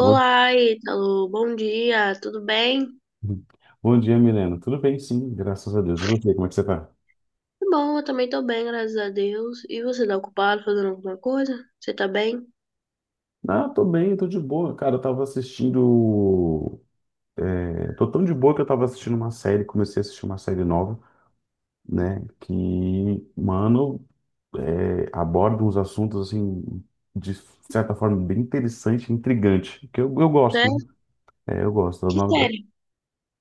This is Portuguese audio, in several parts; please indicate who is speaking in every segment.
Speaker 1: Bom,
Speaker 2: Ítalo. Bom dia, tudo bem?
Speaker 1: bom dia, Milena. Tudo bem, sim, graças a Deus. E você, como é que você tá?
Speaker 2: Tá bom, eu também tô bem, graças a Deus. E você tá ocupado fazendo alguma coisa? Você tá bem?
Speaker 1: Ah, tô bem, tô de boa. Cara, eu tava assistindo. Tô tão de boa que eu tava assistindo uma série, comecei a assistir uma série nova, né? Mano, Aborda uns assuntos, assim, de certa forma, bem interessante, intrigante. Que eu
Speaker 2: Né?
Speaker 1: gosto, né? É, eu gosto.
Speaker 2: Que série?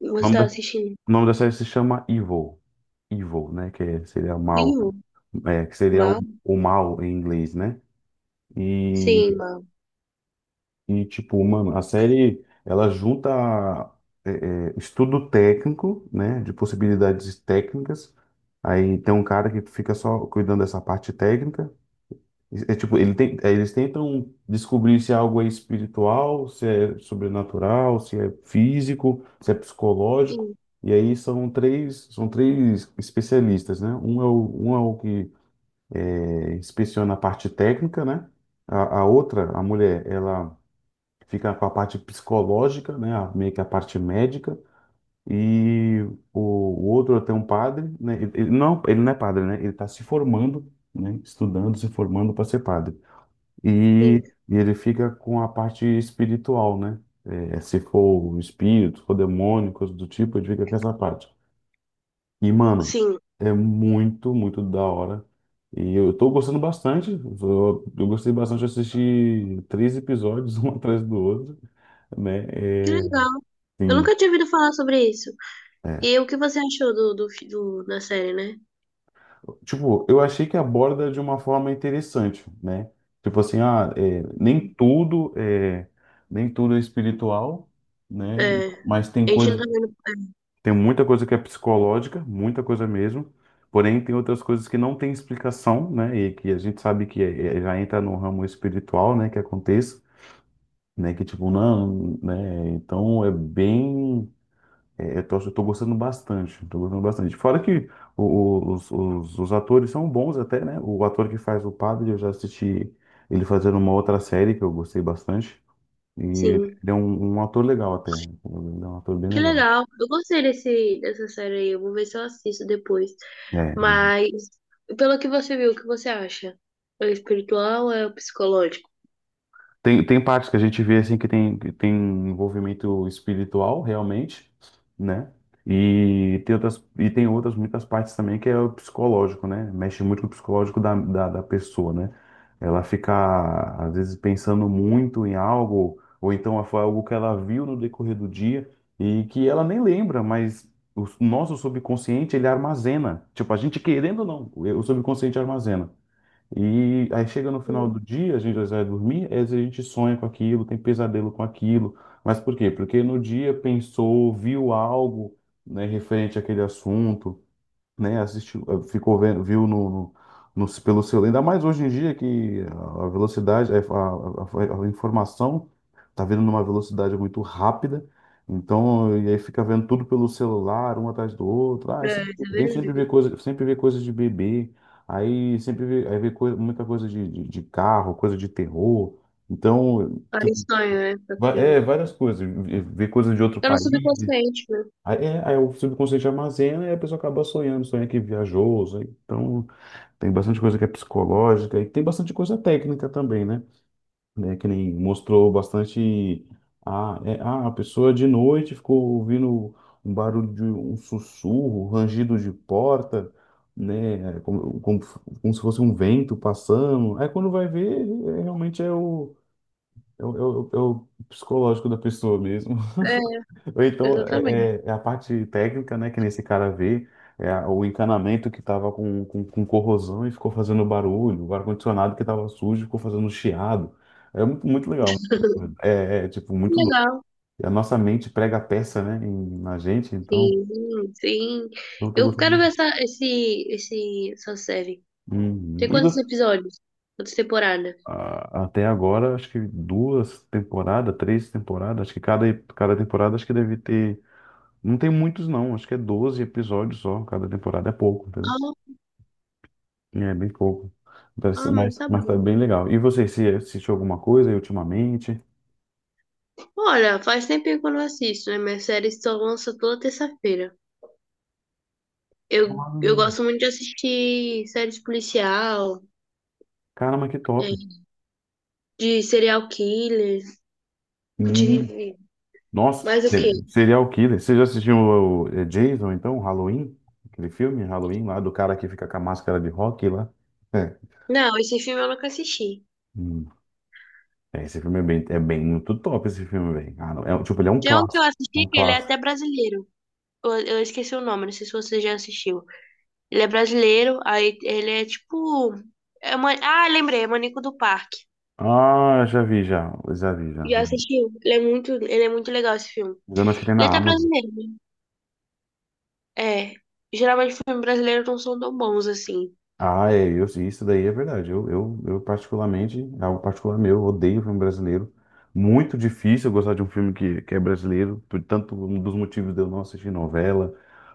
Speaker 2: Você
Speaker 1: nome
Speaker 2: tá
Speaker 1: da,
Speaker 2: assistindo?
Speaker 1: o nome da série se chama Evil. Evil, né? Seria mal.
Speaker 2: Vivo?
Speaker 1: É, que seria
Speaker 2: Mal?
Speaker 1: o mal em inglês, né? E,
Speaker 2: Sim, mal.
Speaker 1: tipo, mano, a série ela junta é, estudo técnico, né, de possibilidades técnicas. Aí tem um cara que fica só cuidando dessa parte técnica. É tipo, eles tentam descobrir se é algo é espiritual, se é sobrenatural, se é físico, se é psicológico.
Speaker 2: Sim,
Speaker 1: E aí são três especialistas, né? Um é o que inspeciona a parte técnica, né? A outra, a mulher, ela fica com a parte psicológica, né, meio que a parte médica, e o outro tem um padre, né, ele não é padre, né, ele está se formando, né, estudando, se formando para ser padre, e,
Speaker 2: sim,
Speaker 1: e ele fica com a parte espiritual, né, é, se for espírito, for demônio, coisa do tipo, ele fica com essa parte. E, mano,
Speaker 2: sim.
Speaker 1: é muito da hora. E eu tô gostando bastante. Eu gostei bastante de assistir três episódios, um atrás do outro, né?
Speaker 2: Que
Speaker 1: é,
Speaker 2: legal. Eu
Speaker 1: Sim,
Speaker 2: nunca tinha ouvido falar sobre isso. E
Speaker 1: é.
Speaker 2: o que você achou da série, né?
Speaker 1: Tipo, eu achei que aborda de uma forma interessante, né? Tipo assim, ah, é, nem tudo é espiritual, né?
Speaker 2: É,
Speaker 1: Mas tem
Speaker 2: a gente não tá vendo. É.
Speaker 1: tem muita coisa que é psicológica, muita coisa mesmo. Porém, tem outras coisas que não tem explicação, né? E que a gente sabe que já entra no ramo espiritual, né? Que aconteça, né? Que tipo, não, né? Então é bem. É, eu tô gostando bastante, tô gostando bastante. Fora que os atores são bons até, né? O ator que faz o padre, eu já assisti ele fazendo uma outra série que eu gostei bastante. E ele
Speaker 2: Sim.
Speaker 1: é um ator legal até. Ele é um ator bem
Speaker 2: Que
Speaker 1: legal.
Speaker 2: legal. Eu gostei dessa série aí. Eu vou ver se eu assisto depois.
Speaker 1: É,
Speaker 2: Mas, pelo que você viu, o que você acha? É espiritual ou é o psicológico?
Speaker 1: Tem, tem partes que a gente vê assim que tem envolvimento espiritual realmente, né? E e tem outras muitas partes também que é o psicológico, né? Mexe muito com o psicológico da pessoa, né? Ela fica, às vezes, pensando muito em algo, ou então foi algo que ela viu no decorrer do dia e que ela nem lembra, mas o nosso subconsciente, ele armazena. Tipo, a gente querendo ou não, o subconsciente armazena. E aí chega no final do
Speaker 2: Hum.
Speaker 1: dia, a gente às vezes vai dormir, às vezes a gente sonha com aquilo, tem pesadelo com aquilo. Mas por quê? Porque no dia pensou, viu algo, né, referente àquele assunto, né? Assistiu, ficou vendo, viu pelo celular. Ainda mais hoje em dia que a velocidade, a informação tá vindo numa velocidade muito rápida. Então, e aí fica vendo tudo pelo celular, um atrás do outro. Ah,
Speaker 2: É, isso é
Speaker 1: vem sempre
Speaker 2: verdade.
Speaker 1: ver coisa, sempre ver coisas de bebê. Aí vê coisa, muita coisa de carro, coisa de terror. Então,
Speaker 2: Aí
Speaker 1: tipo,
Speaker 2: sonho, né, com aquilo.
Speaker 1: é várias coisas. Ver coisas de outro
Speaker 2: Tá no
Speaker 1: país.
Speaker 2: subconsciente, né?
Speaker 1: Aí o subconsciente armazena e a pessoa acaba sonhando, sonha que viajou, sonha- então tem bastante coisa que é psicológica e tem bastante coisa técnica também, né? Né, que nem mostrou bastante a pessoa de noite ficou ouvindo um barulho de um sussurro, rangido de porta, né? É, como se fosse um vento passando. Aí quando vai ver, é, realmente é o psicológico da pessoa mesmo. Ou
Speaker 2: É,
Speaker 1: então
Speaker 2: exatamente.
Speaker 1: é a parte técnica, né, que nesse cara vê, é o encanamento que estava com corrosão e ficou fazendo barulho, o ar-condicionado que estava sujo ficou fazendo chiado. É muito, muito legal. Tipo,
Speaker 2: Que
Speaker 1: muito doido.
Speaker 2: legal.
Speaker 1: E a nossa mente prega a peça, né, na gente, então,
Speaker 2: Sim, sim.
Speaker 1: então eu tô
Speaker 2: Eu quero ver
Speaker 1: gostando.
Speaker 2: essa série.
Speaker 1: Uhum.
Speaker 2: Tem quantos episódios? Quantas temporadas?
Speaker 1: Até agora, acho que duas temporadas, três temporadas, acho que cada temporada acho que deve ter. Não tem muitos, não, acho que é 12 episódios só, cada temporada é pouco.
Speaker 2: Ah,
Speaker 1: É bem pouco.
Speaker 2: mas tá
Speaker 1: Mas tá
Speaker 2: bom.
Speaker 1: bem legal. E você, se assistiu alguma coisa aí ultimamente?
Speaker 2: Olha, faz tempinho que eu não assisto, né? Minhas séries só lançam toda terça-feira.
Speaker 1: Ah,
Speaker 2: Eu gosto muito de assistir séries policial,
Speaker 1: caramba, que top.
Speaker 2: de serial killer,
Speaker 1: Hum.
Speaker 2: de
Speaker 1: Nossa,
Speaker 2: mais o quê?
Speaker 1: Serial Killer. Você já assistiu o Jason, então, Halloween? Aquele filme, Halloween, lá do cara que fica com a máscara de rock lá. É.
Speaker 2: Não, esse filme eu nunca assisti.
Speaker 1: Hum. É, esse filme é bem muito top, esse filme, velho. Ah, não, é, um, tipo, ele é um
Speaker 2: Tem um que eu
Speaker 1: clássico. É um
Speaker 2: assisti que ele é
Speaker 1: clássico.
Speaker 2: até brasileiro. Eu esqueci o nome, não sei se você já assistiu. Ele é brasileiro, aí ele é tipo. É uma... Ah, lembrei, é Manico do Parque.
Speaker 1: Ah, já vi, já. Já vi, já.
Speaker 2: Já assistiu? Ele é muito legal esse filme.
Speaker 1: Eu acho que tem
Speaker 2: Ele é
Speaker 1: na
Speaker 2: até
Speaker 1: Amazon.
Speaker 2: brasileiro, né? É. Geralmente filmes brasileiros não são tão bons assim.
Speaker 1: Ah, é, isso daí é verdade. Eu particularmente, é algo particular meu, eu odeio filme brasileiro. Muito difícil eu gostar de um filme que é brasileiro, por tanto um dos motivos de eu não assistir novela,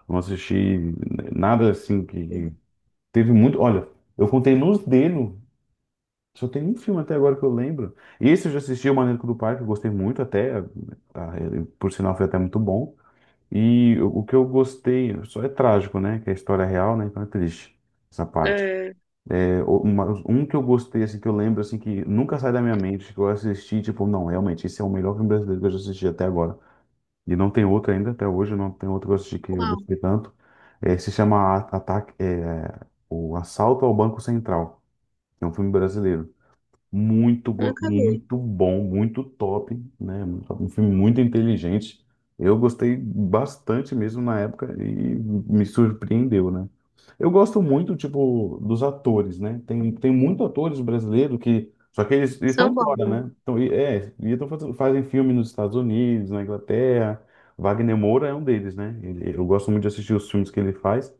Speaker 1: não assistir nada assim que teve muito. Olha, eu contei nos dedos, só tem um filme até agora que eu lembro. Esse eu já assisti, O Maníaco do Parque, eu gostei muito até, tá, ele, por sinal foi até muito bom. E o que eu gostei, só é trágico, né? Que é a história real, né? Então é triste essa parte.
Speaker 2: É.
Speaker 1: Um que eu gostei, assim, que eu lembro, assim, que nunca sai da minha mente, que eu assisti, tipo, não, realmente, esse é o melhor filme brasileiro que eu já assisti até agora. E não tem outro ainda, até hoje, não tem outro que eu assisti que eu
Speaker 2: Qual?
Speaker 1: gostei tanto. É, se chama O Assalto ao Banco Central. É um filme brasileiro.
Speaker 2: Nunca vi.
Speaker 1: Muito bom, muito top, né? Um filme muito inteligente. Eu gostei bastante mesmo na época e me surpreendeu, né? Eu gosto muito, tipo, dos atores, né? Tem muitos atores brasileiros que. Só que eles
Speaker 2: São
Speaker 1: estão
Speaker 2: bons,
Speaker 1: fora,
Speaker 2: né?
Speaker 1: né? Então, fazem filme nos Estados Unidos, na Inglaterra. Wagner Moura é um deles, né? Eu gosto muito de assistir os filmes que ele faz,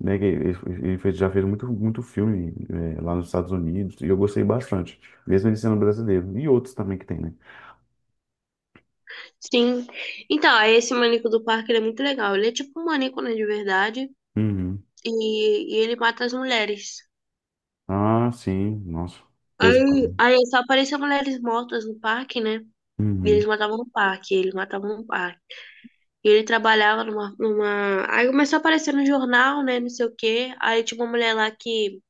Speaker 1: né? Que ele, já fez muito, muito filme, é, lá nos Estados Unidos e eu gostei bastante, mesmo ele sendo brasileiro. E outros também que tem, né?
Speaker 2: Sim. Então, esse maníaco do parque, ele é muito legal. Ele é tipo um maníaco, né, de verdade.
Speaker 1: Uhum.
Speaker 2: E ele mata as mulheres.
Speaker 1: Ah, sim, nossa, pesado.
Speaker 2: Aí só apareciam mulheres mortas no parque, né? E eles
Speaker 1: Uhum.
Speaker 2: matavam no parque, eles matavam no parque. E ele trabalhava numa... Aí começou a aparecer no jornal, né, não sei o quê. Aí tinha uma mulher lá que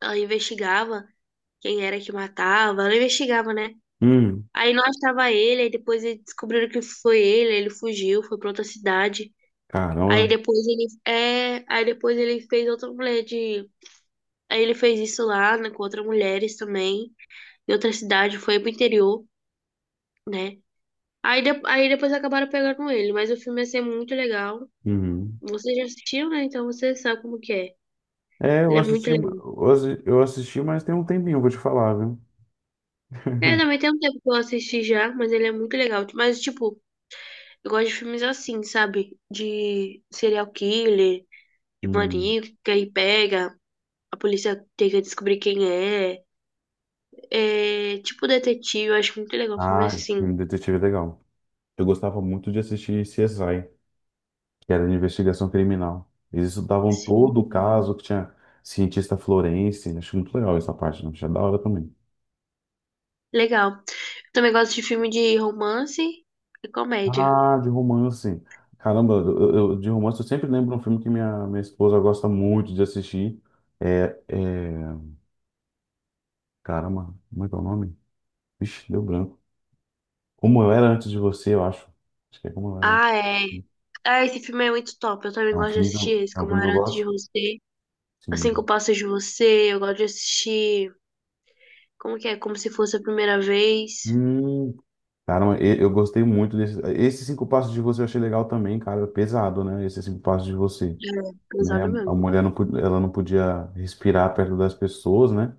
Speaker 2: ela investigava quem era que matava. Ela investigava, né?
Speaker 1: Uhum.
Speaker 2: Aí não achava ele, aí depois eles descobriram que foi ele, aí ele fugiu, foi pra outra cidade.
Speaker 1: Caramba.
Speaker 2: Aí depois ele fez outra mulher de, aí ele fez isso lá, né, com outras mulheres também, em outra cidade, foi pro interior, né? Aí depois acabaram pegando ele, mas o filme ia ser muito legal.
Speaker 1: Uhum.
Speaker 2: Você já assistiu, né? Então você sabe como que é.
Speaker 1: É,
Speaker 2: Ele é muito legal.
Speaker 1: eu assisti, mas tem um tempinho, vou te falar, viu?
Speaker 2: É, também tem um tempo que eu assisti já, mas ele é muito legal. Mas, tipo, eu gosto de filmes assim, sabe? De serial killer, de
Speaker 1: Hum.
Speaker 2: maníaco, que aí pega, a polícia tem que descobrir quem é. É, tipo detetive, eu acho muito legal filme
Speaker 1: Ah, esse
Speaker 2: assim.
Speaker 1: filme detetive é legal. Eu gostava muito de assistir CSI. Que era de investigação criminal. Eles estudavam todo o
Speaker 2: Sim.
Speaker 1: caso que tinha cientista florense. Acho muito legal essa parte, né? Achei da hora também.
Speaker 2: Legal. Eu também gosto de filme de romance e comédia.
Speaker 1: Ah, de romance. Caramba, de romance eu sempre lembro um filme que minha esposa gosta muito de assistir. É, é... Caramba, como é que é o nome? Vixe, deu branco. Como eu era antes de você, eu acho. Acho que é como eu era.
Speaker 2: Ah, é. Ah, esse filme é muito top. Eu também gosto de assistir esse,
Speaker 1: É um
Speaker 2: Como
Speaker 1: filme
Speaker 2: Eu
Speaker 1: que eu
Speaker 2: Era Antes de
Speaker 1: gosto.
Speaker 2: Você. Assim que eu
Speaker 1: Sim.
Speaker 2: passo de você, eu gosto de assistir. Como que é? Como se fosse a primeira vez.
Speaker 1: Hum, cara, mas eu gostei muito desse. Esses cinco passos de você eu achei legal também, cara. Pesado, né? Esses cinco passos de você,
Speaker 2: É,
Speaker 1: né?
Speaker 2: pesado
Speaker 1: A
Speaker 2: mesmo.
Speaker 1: mulher não, ela não podia respirar perto das pessoas, né?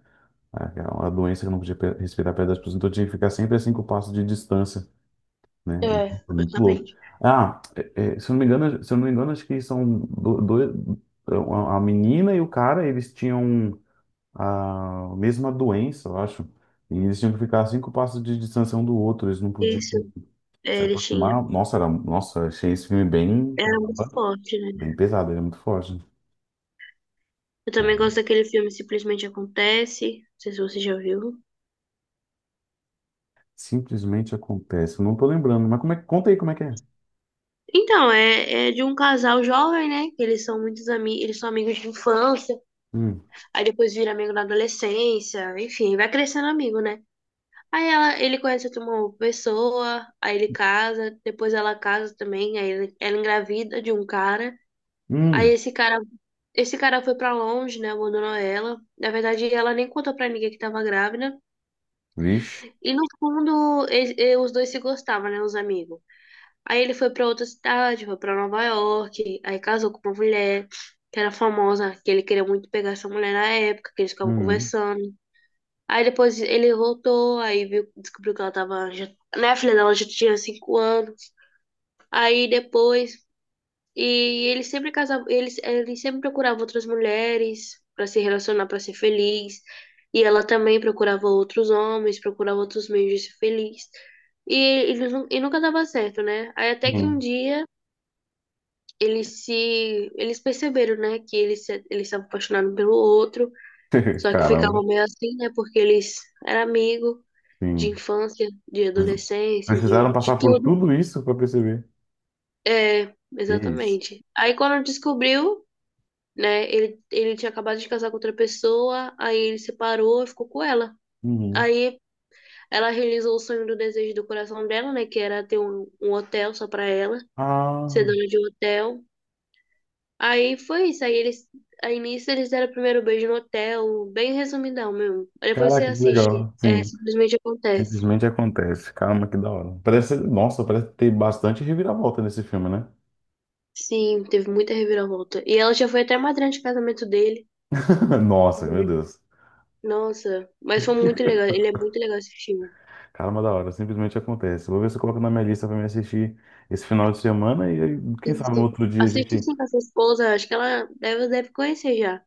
Speaker 1: É uma doença que não podia respirar perto das pessoas, então tinha que ficar sempre a cinco passos de distância, né?
Speaker 2: É,
Speaker 1: Foi muito louco.
Speaker 2: justamente.
Speaker 1: Ah, se eu não me engano, se eu não me engano, acho que são dois, a menina e o cara, eles tinham a mesma doença, eu acho. E eles tinham que ficar a cinco passos de distância um do outro, eles não podiam.
Speaker 2: Isso, é, ele
Speaker 1: Nossa, era, nossa, achei esse filme bem,
Speaker 2: era muito
Speaker 1: caramba,
Speaker 2: forte, né?
Speaker 1: bem pesado, ele é muito forte.
Speaker 2: Eu também
Speaker 1: Cara.
Speaker 2: gosto daquele filme Simplesmente Acontece. Não sei se você já viu.
Speaker 1: Simplesmente acontece, eu não tô lembrando, mas como é, conta aí como é que é.
Speaker 2: Então, é de um casal jovem, né? Que eles são muitos amigos, eles são amigos de infância,
Speaker 1: Hum,
Speaker 2: aí depois vira amigo na adolescência, enfim, vai crescendo amigo, né? Aí ele conhece uma pessoa, aí ele casa, depois ela casa também, ela engravida de um cara, aí
Speaker 1: hum,
Speaker 2: esse cara, esse cara foi pra longe, né? Abandonou ela. Na verdade, ela nem contou pra ninguém que tava grávida.
Speaker 1: vixe,
Speaker 2: E no fundo, os dois se gostavam, né? Os amigos. Aí ele foi pra outra cidade, foi pra Nova York, aí casou com uma mulher que era famosa, que ele queria muito pegar essa mulher na época, que eles ficavam
Speaker 1: hum,
Speaker 2: conversando. Aí depois ele voltou, aí viu, descobriu que ela tava, já, né, a filha dela já tinha 5 anos. Aí depois, e ele sempre casava, ele sempre procurava outras mulheres pra se relacionar, pra ser feliz. E ela também procurava outros homens, procurava outros meios de ser feliz. E, e nunca dava certo, né? Aí até que um
Speaker 1: hum.
Speaker 2: dia eles se. Eles perceberam, né, que eles se apaixonaram pelo outro, só que
Speaker 1: Caramba,
Speaker 2: ficavam meio assim, né, porque eles eram amigos de
Speaker 1: sim.
Speaker 2: infância, de
Speaker 1: Precis-
Speaker 2: adolescência,
Speaker 1: Precisaram
Speaker 2: de
Speaker 1: passar por
Speaker 2: tudo.
Speaker 1: tudo isso pra perceber.
Speaker 2: É,
Speaker 1: Que isso?
Speaker 2: exatamente. Aí quando descobriu, né, ele tinha acabado de casar com outra pessoa, aí ele separou e ficou com ela.
Speaker 1: Uhum.
Speaker 2: Aí ela realizou o sonho do desejo do coração dela, né, que era ter um hotel só pra ela, ser
Speaker 1: Ah,
Speaker 2: dona de um hotel. Aí foi isso. Aí eles, a início eles deram o primeiro beijo no hotel, bem resumidão mesmo. Aí depois você
Speaker 1: caraca, que
Speaker 2: assiste,
Speaker 1: legal.
Speaker 2: é,
Speaker 1: Sim,
Speaker 2: simplesmente acontece.
Speaker 1: simplesmente acontece. Caramba, que da hora. Parece, nossa, parece ter bastante reviravolta nesse filme, né?
Speaker 2: Sim, teve muita reviravolta. E ela já foi até madrinha de casamento dele,
Speaker 1: Nossa, meu
Speaker 2: né?
Speaker 1: Deus.
Speaker 2: Nossa, mas foi muito legal. Ele é muito legal esse filme.
Speaker 1: Caramba, da hora, simplesmente acontece. Vou ver se eu coloco na minha lista pra me assistir esse final de semana e aí, quem sabe no
Speaker 2: Sim,
Speaker 1: outro dia a
Speaker 2: assiste
Speaker 1: gente.
Speaker 2: sim com a sua esposa, acho que ela deve, deve conhecer já.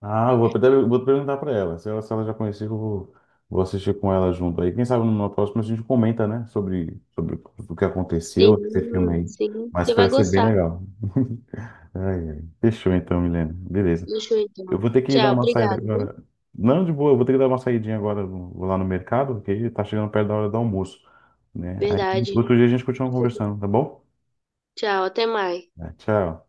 Speaker 1: Ah, eu vou, vou perguntar pra ela. Se ela já conhecia, vou assistir com ela junto. Aí, quem sabe numa próxima a gente comenta, né, sobre o que
Speaker 2: Sim,
Speaker 1: aconteceu nesse filme aí.
Speaker 2: sim,
Speaker 1: Mas
Speaker 2: você vai
Speaker 1: parece ser bem
Speaker 2: gostar.
Speaker 1: legal. Ai, ai. Fechou então, Milena. Beleza.
Speaker 2: Deixa eu
Speaker 1: Eu
Speaker 2: então.
Speaker 1: vou ter que ir dar
Speaker 2: Tchau,
Speaker 1: uma saída
Speaker 2: obrigada, viu?
Speaker 1: agora. Não, de boa, eu vou ter que dar uma saidinha agora. Vou lá no mercado, porque tá chegando perto da hora do almoço, né? Aí
Speaker 2: Verdade.
Speaker 1: outro dia a gente continua conversando, tá bom?
Speaker 2: Tchau, até mais.
Speaker 1: Tá, tchau.